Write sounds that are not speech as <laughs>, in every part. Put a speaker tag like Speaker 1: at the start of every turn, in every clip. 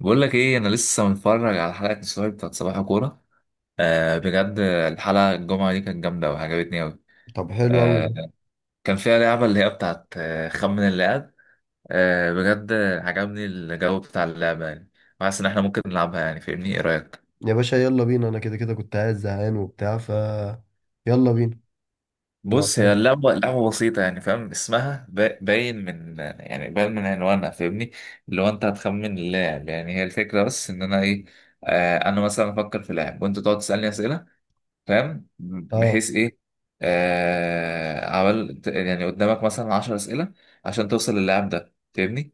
Speaker 1: بقول لك ايه، انا لسه متفرج على حلقه السوبر بتاعت صباح كوره. آه، بجد الحلقه الجمعه دي كانت جامده وعجبتني قوي.
Speaker 2: طب حلو قوي
Speaker 1: آه،
Speaker 2: ده.
Speaker 1: كان فيها لعبه اللي هي بتاعت خمن اللاعب. آه، بجد. عجبني الجو بتاع اللعبه يعني. وحاسس ان احنا ممكن نلعبها، يعني فاهمني؟ ايه رايك؟
Speaker 2: يا باشا، يلا بينا. انا كده كده كنت قاعد زهقان وبتاع، ف يلا بينا. لو
Speaker 1: بص، هي
Speaker 2: حلو.
Speaker 1: اللعبه لعبه بسيطه، يعني فاهم اسمها، باين من، يعني باين من عنوانها، فاهمني؟ اللي هو انت هتخمن اللاعب، يعني هي الفكره. بس ان انا ايه؟ آه، انا مثلا افكر في لاعب وانت تقعد تسالني اسئله، فاهم؟
Speaker 2: اه،
Speaker 1: بحيث ايه؟ آه، عمل يعني قدامك مثلا 10 اسئله عشان توصل للاعب ده، فاهمني؟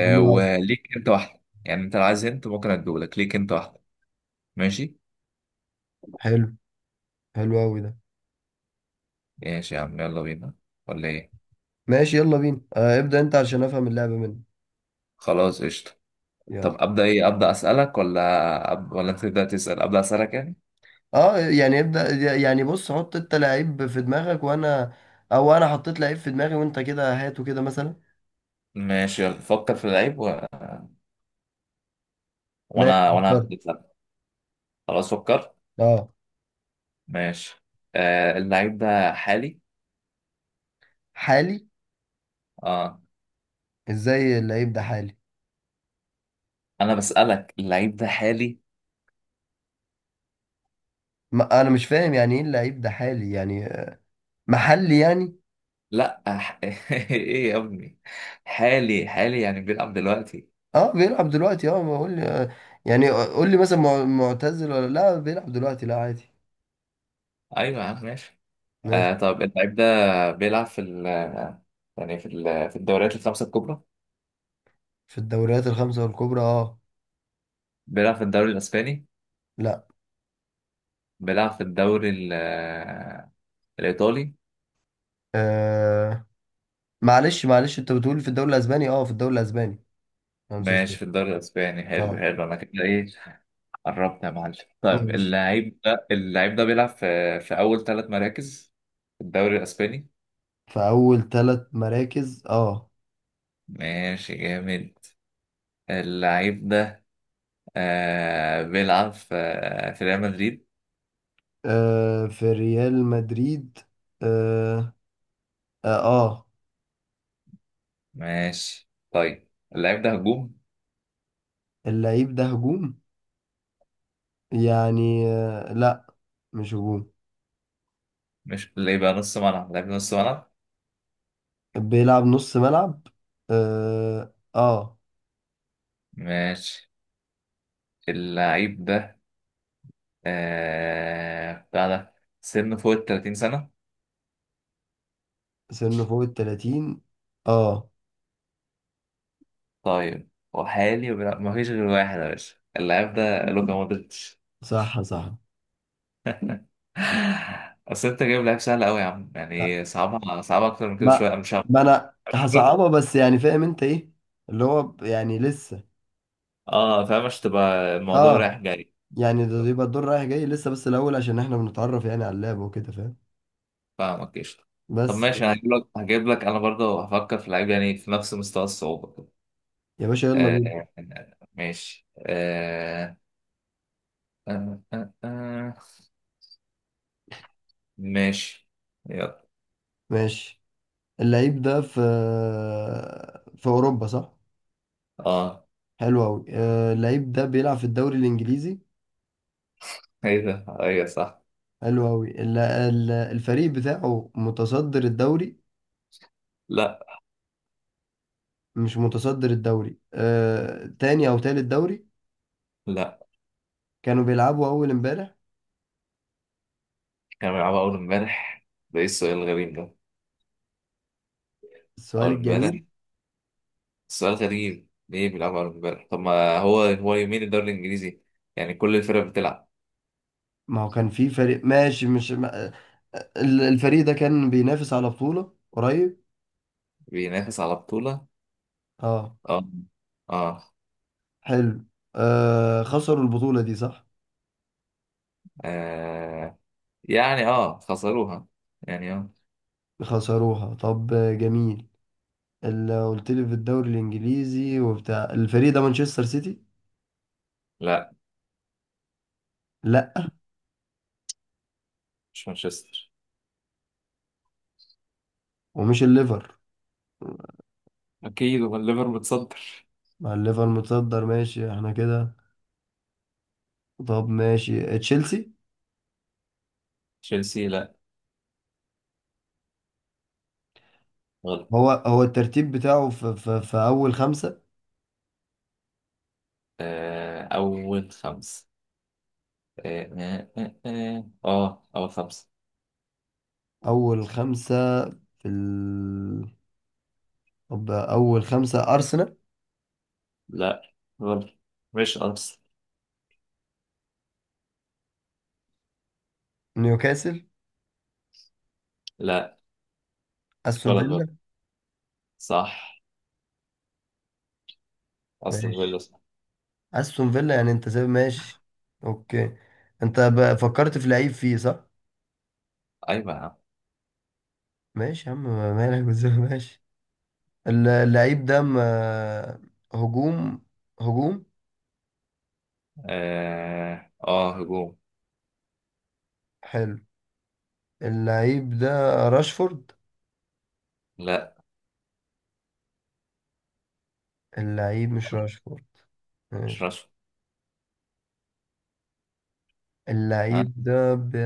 Speaker 2: حلو قوي.
Speaker 1: وليك انت واحده، يعني انت لو عايز انت ممكن اديهولك، ليك انت واحده. ماشي.
Speaker 2: حلو، حلو قوي ده.
Speaker 1: ماشي يا عم، يلا بينا. ولا ايه؟
Speaker 2: ماشي، يلا بينا. آه، ابدأ انت عشان افهم اللعبة منك.
Speaker 1: خلاص قشطه.
Speaker 2: يلا.
Speaker 1: طب ابدا ايه؟ ابدا اسالك ولا ولا انت تبدا تسال؟ ابدا اسالك يعني.
Speaker 2: اه، يعني ابدأ. يعني بص، حط انت لعيب في دماغك وانا، او انا حطيت لعيب في دماغي، وانت كده هاته كده مثلا.
Speaker 1: ماشي، يلا فكر في اللعيب.
Speaker 2: ماشي،
Speaker 1: وانا
Speaker 2: اخترت.
Speaker 1: هبدأ أسألك. خلاص فكر.
Speaker 2: اه.
Speaker 1: ماشي. آه، اللعيب ده حالي؟
Speaker 2: حالي.
Speaker 1: اه،
Speaker 2: ازاي اللعيب ده حالي؟
Speaker 1: انا بسالك اللعيب ده حالي.
Speaker 2: ما انا مش فاهم يعني ايه اللعيب ده حالي، يعني محلي يعني؟
Speaker 1: لا <laughs> ايه يا ابني؟ حالي حالي يعني بيلعب دلوقتي.
Speaker 2: اه، بيلعب دلوقتي. اه، ما قول لي. يعني قول لي مثلا معتزل ولا لا، بيلعب دلوقتي لا عادي.
Speaker 1: ايوه يا عم، ماشي.
Speaker 2: ماشي،
Speaker 1: آه، طب اللعيب ده بيلعب في ال يعني في ال في الدوريات الخمسة الكبرى؟
Speaker 2: في الدوريات الخمسة والكبرى اه.
Speaker 1: بيلعب في الدوري الاسباني؟
Speaker 2: لا.
Speaker 1: بيلعب في الدوري الايطالي.
Speaker 2: آه، معلش معلش، انت بتقول في الدوري الاسباني؟ اه، في الدوري الاسباني. 5-0.
Speaker 1: ماشي، في الدوري الاسباني. حلو
Speaker 2: اه،
Speaker 1: حلو، انا كده ايه؟ قربت يا معلم. طيب
Speaker 2: ماشي.
Speaker 1: اللعيب ده بيلعب في اول ثلاث مراكز في الدوري الاسباني.
Speaker 2: في اول ثلاث مراكز اه.
Speaker 1: ماشي جامد. اللعيب ده بيلعب في ريال مدريد.
Speaker 2: آه، في ريال مدريد. اه. اه. آه.
Speaker 1: ماشي طيب. اللعيب ده هجوم؟
Speaker 2: اللعيب ده هجوم؟ يعني آه لا، مش هجوم.
Speaker 1: مش اللي يبقى نص ملعب؟ اللعيب ده نص ملعب.
Speaker 2: بيلعب نص ملعب. اه، آه.
Speaker 1: ماشي. اللعيب ده، بتاع ده سنه فوق ال 30 سنة.
Speaker 2: سنه فوق ال 30. اه،
Speaker 1: طيب، وحالي وبيلعب، ما فيش غير واحد يا باشا. اللعيب ده لوكا مودريتش.
Speaker 2: صح صح.
Speaker 1: <laughs> اصل انت جايب لعيب سهل قوي يا عم،
Speaker 2: لا،
Speaker 1: يعني صعبها صعبها اكتر من كده
Speaker 2: ما
Speaker 1: شوية، مش عارف.
Speaker 2: ما انا هصعبها، بس يعني فاهم انت ايه، اللي هو يعني لسه.
Speaker 1: اه فاهم، مش تبقى الموضوع
Speaker 2: اه،
Speaker 1: رايح جاي.
Speaker 2: يعني ده يبقى الدور رايح جاي لسه، بس الاول عشان احنا بنتعرف يعني على اللعب وكده، فاهم؟
Speaker 1: فاهمك قشطة. طب
Speaker 2: بس.
Speaker 1: ماشي، انا هجيب لك، انا برضه هفكر في لعيب يعني في نفس مستوى الصعوبة كده.
Speaker 2: يا باشا، يلا بينا.
Speaker 1: آه، آه، ماشي، آه، آه، آه، آه. ماشي. يلا.
Speaker 2: ماشي. اللعيب ده في اوروبا صح؟
Speaker 1: اه،
Speaker 2: حلو قوي. اللعيب ده بيلعب في الدوري الانجليزي.
Speaker 1: ايه ده؟ ايوه صح.
Speaker 2: حلو قوي. الفريق بتاعه متصدر الدوري؟
Speaker 1: لا.
Speaker 2: مش متصدر الدوري آه، تاني او تالت دوري.
Speaker 1: لا،
Speaker 2: كانوا بيلعبوا اول امبارح.
Speaker 1: كانوا بيلعبوا اول امبارح. ده ايه السؤال الغريب ده؟
Speaker 2: السؤال
Speaker 1: اول امبارح،
Speaker 2: الجميل.
Speaker 1: سؤال غريب. ليه بيلعبوا اول امبارح؟ طب ما هو، هو يومين الدوري الانجليزي، يعني كل الفرق بتلعب.
Speaker 2: ما هو كان في فريق ماشي، مش ما... الفريق ده كان بينافس على بطولة قريب.
Speaker 1: بينافس على بطولة.
Speaker 2: اه،
Speaker 1: اه، اه،
Speaker 2: حلو. آه، خسروا البطولة دي صح؟
Speaker 1: آه. يعني اه خسروها، يعني اه.
Speaker 2: خسروها طب، آه، جميل. اللي قلت لي في الدوري الانجليزي وبتاع، الفريق ده مانشستر سيتي؟
Speaker 1: لا،
Speaker 2: لا،
Speaker 1: مش مانشستر.
Speaker 2: ومش الليفر.
Speaker 1: اكيد هو الليفر متصدر.
Speaker 2: مع الليفر متصدر، ماشي احنا كده. طب، ماشي، تشيلسي؟
Speaker 1: تشيلسي لا. غلط.
Speaker 2: هو الترتيب بتاعه في اول خمسة.
Speaker 1: آه، اول خمس. اه، اه، اه، آه. آه، اول خمس.
Speaker 2: اول خمسة في. طب، اول خمسة. ارسنال؟
Speaker 1: لا. غلط، مش ارسنال.
Speaker 2: نيوكاسل؟
Speaker 1: لا.
Speaker 2: استون
Speaker 1: غلط غلط.
Speaker 2: فيلا.
Speaker 1: صح. اصلا فيلا
Speaker 2: ماشي،
Speaker 1: صح.
Speaker 2: استون فيلا. يعني انت سايب، ماشي. اوكي. انت فكرت في لعيب فيه صح؟
Speaker 1: ايوه يا عم.
Speaker 2: ماشي يا عم، مالك وزي ما <laughs> ماشي. اللعيب ده هجوم. هجوم.
Speaker 1: اه، آه، هجوم.
Speaker 2: حلو. اللعيب ده راشفورد؟
Speaker 1: لا،
Speaker 2: اللعيب مش راشفورد.
Speaker 1: مش
Speaker 2: ماشي.
Speaker 1: راشفورد. ها.
Speaker 2: اللعيب ده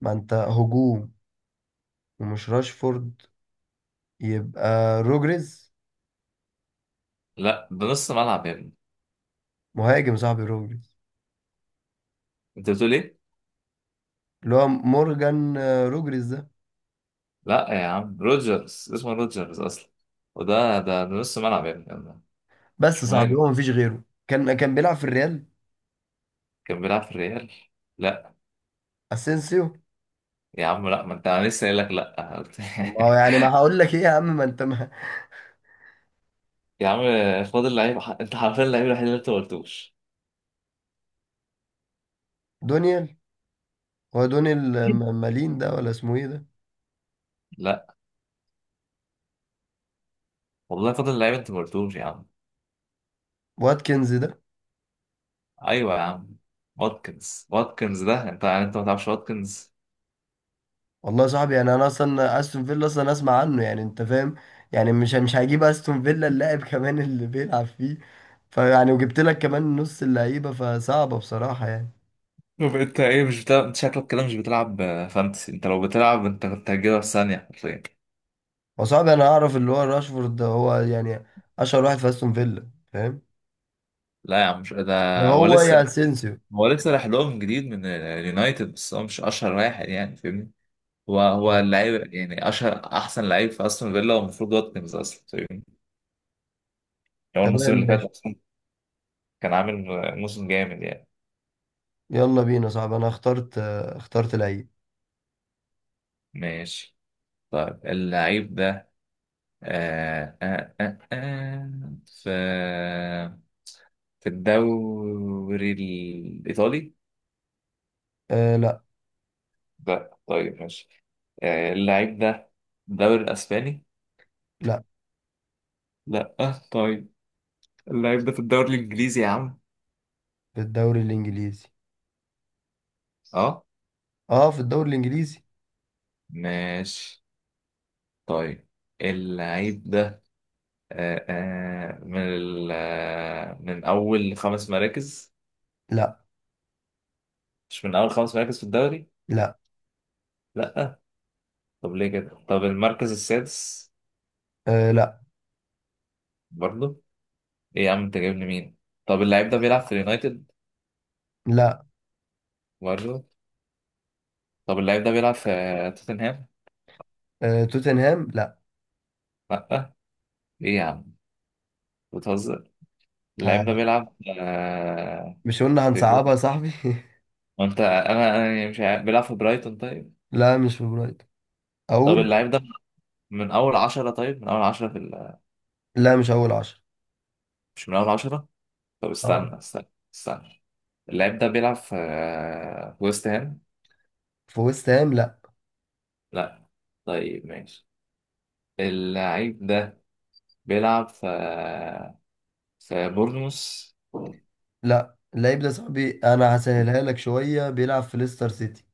Speaker 2: ما انت هجوم ومش راشفورد، يبقى روجريز.
Speaker 1: لا، ده نص ملعب يا ابني.
Speaker 2: مهاجم صاحبي روجريز،
Speaker 1: انت بتقول ايه؟
Speaker 2: اللي هو مورجان آه، روجريز ده.
Speaker 1: لا يا عم، روجرز اسمه روجرز اصلا. وده ده ده نص ملعب يا ابني.
Speaker 2: بس
Speaker 1: مش
Speaker 2: صاحبي،
Speaker 1: مهاجم،
Speaker 2: هو مفيش غيره، كان بيلعب في الريال.
Speaker 1: كان بيلعب في الريال. لا
Speaker 2: اسينسيو.
Speaker 1: يا عم، لا، ما انت انا لسه قايل لك
Speaker 2: طب ما هو
Speaker 1: لا.
Speaker 2: يعني، ما هقول لك ايه يا عم، ما انت ما <laughs>
Speaker 1: <laughs> يا عم. فاضل لعيب، انت حرفيا اللعيب الوحيد اللي انت ما قلتوش.
Speaker 2: دونيال. هو دونيال
Speaker 1: <laughs>
Speaker 2: مالين ده ولا اسمه ايه ده؟
Speaker 1: لا والله، فاضل لعيب انت ما قلتوش يا عم.
Speaker 2: واتكنز ده.
Speaker 1: ايوه يا عم. واتكنز، واتكنز ده انت يعني، انت ما تعرفش واتكنز؟
Speaker 2: والله يا صاحبي، يعني انا اصلا استون فيلا اصلا اسمع عنه يعني، انت فاهم. يعني مش هجيب استون فيلا اللاعب <laughs> كمان اللي بيلعب فيه. فيعني وجبت لك كمان نص اللعيبه، فصعبه بصراحه يعني.
Speaker 1: طب انت ايه، مش بتلعب؟ انت شكلك كده مش بتلعب فانتسي. انت لو بتلعب انت كنت هتجيبها في ثانيه حرفيا.
Speaker 2: وصعب. انا اعرف اللي هو راشفورد ده، هو يعني اشهر واحد في استون فيلا، فاهم؟
Speaker 1: لا يا عم، مش
Speaker 2: يا
Speaker 1: ده. هو
Speaker 2: هو يا
Speaker 1: لسه
Speaker 2: اسينسيو.
Speaker 1: هو لسه راح لهم جديد من اليونايتد، بس هو مش اشهر واحد يعني، فاهمني؟ هو هو
Speaker 2: آه،
Speaker 1: اللعيب يعني، اشهر احسن لعيب في استون فيلا، والمفروض واتكنز اصلا فاهمني يعني. هو الموسم
Speaker 2: تمام،
Speaker 1: اللي فات
Speaker 2: ماشي.
Speaker 1: اصلا كان عامل موسم جامد يعني.
Speaker 2: يلا بينا، صعب. انا اخترت آه، اخترت لعيب.
Speaker 1: ماشي طيب. اللعيب ده آه آه آه آه في في الدوري الايطالي؟
Speaker 2: آه لا.
Speaker 1: لا. طيب ماشي. اللعيب ده في الدوري الاسباني؟
Speaker 2: لا،
Speaker 1: لا. طيب، اللعيب ده في الدوري الانجليزي يا عم.
Speaker 2: في الدوري الانجليزي.
Speaker 1: اه،
Speaker 2: اه، في الدوري الانجليزي.
Speaker 1: ماشي طيب. اللعيب ده، آه، آه، من ال- آه، من أول خمس مراكز؟
Speaker 2: لا.
Speaker 1: مش من أول خمس مراكز في الدوري.
Speaker 2: لا.
Speaker 1: لا. طب ليه كده؟ طب المركز السادس؟
Speaker 2: آه لا.
Speaker 1: برضه. إيه يا عم، أنت جايب لي مين؟ طب اللعيب ده بيلعب في اليونايتد؟
Speaker 2: لا.
Speaker 1: برضه. طب اللعيب ده بيلعب في توتنهام.
Speaker 2: آه، توتنهام لا.
Speaker 1: لا. إيه يا عم، بتهزر؟ اللعيب ده
Speaker 2: آه.
Speaker 1: بيلعب
Speaker 2: مش قلنا
Speaker 1: في.
Speaker 2: هنصعبها يا صاحبي <laughs>
Speaker 1: وأنت، أنا يعني مش عارف، بيلعب في برايتون طيب؟
Speaker 2: لا، مش في برايتون.
Speaker 1: طب
Speaker 2: اقول.
Speaker 1: اللعيب ده من أول عشرة؟ طيب، من أول عشرة في
Speaker 2: لا، مش اول عشر.
Speaker 1: مش من أول عشرة. طب
Speaker 2: اه.
Speaker 1: استنى، استنى، استنى. اللاعب ده بيلعب في ويست هام.
Speaker 2: في ويست هام لا.
Speaker 1: لا. طيب ماشي. اللاعب ده بيلعب في بورنموث؟
Speaker 2: لا. اللعيب ده يا صاحبي، انا هسهلها لك شوية. بيلعب في ليستر سيتي.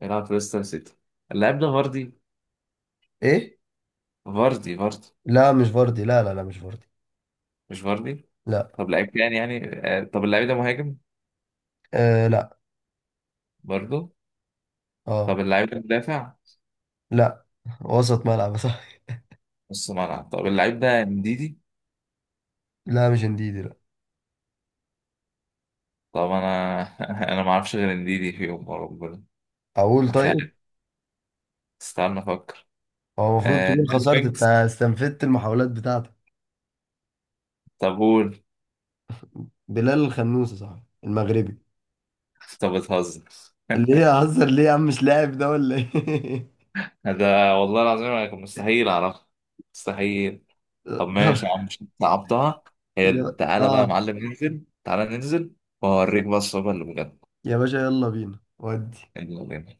Speaker 1: بيلعب في ليستر سيتي. اللاعب ده فاردي؟
Speaker 2: ايه؟
Speaker 1: فاردي فاردي.
Speaker 2: لا، مش فاردي. لا، لا، لا، مش فاردي.
Speaker 1: مش فاردي.
Speaker 2: لا.
Speaker 1: طب لعيب تاني يعني، طب اللاعب ده مهاجم؟
Speaker 2: آه لا.
Speaker 1: برضه.
Speaker 2: اه.
Speaker 1: طب اللاعب ده مدافع؟
Speaker 2: لا. وسط ملعب <laughs>
Speaker 1: نص ملعب. طب اللاعب ده انديدي؟
Speaker 2: لا، مش انديدي. لا.
Speaker 1: طب انا <laughs> انا ما اعرفش غير انديدي فيهم يوم ربنا.
Speaker 2: اقول.
Speaker 1: مش
Speaker 2: طيب،
Speaker 1: عارف، استنى افكر.
Speaker 2: هو المفروض
Speaker 1: آه...
Speaker 2: تكون خسرت، انت
Speaker 1: وينجز؟
Speaker 2: استنفدت المحاولات بتاعتك.
Speaker 1: طب قول.
Speaker 2: بلال الخنوسي صح، المغربي؟
Speaker 1: طب بتهزر.
Speaker 2: اللي هي هزر ليه يا عم، مش لاعب ده ولا ايه؟
Speaker 1: <laughs> ده والله العظيم أنا كان مستحيل اعرفها. مستحيل. طب
Speaker 2: <laughs> طب.
Speaker 1: ماشي يا عم، مش صعبتها. حلو، تعالى بقى يا
Speaker 2: اه.
Speaker 1: معلم، ننزل. تعالى ننزل. واوريك بقى الصعوبة اللي بجد.
Speaker 2: يا باشا، يلا بينا ودي.
Speaker 1: يلا بينا.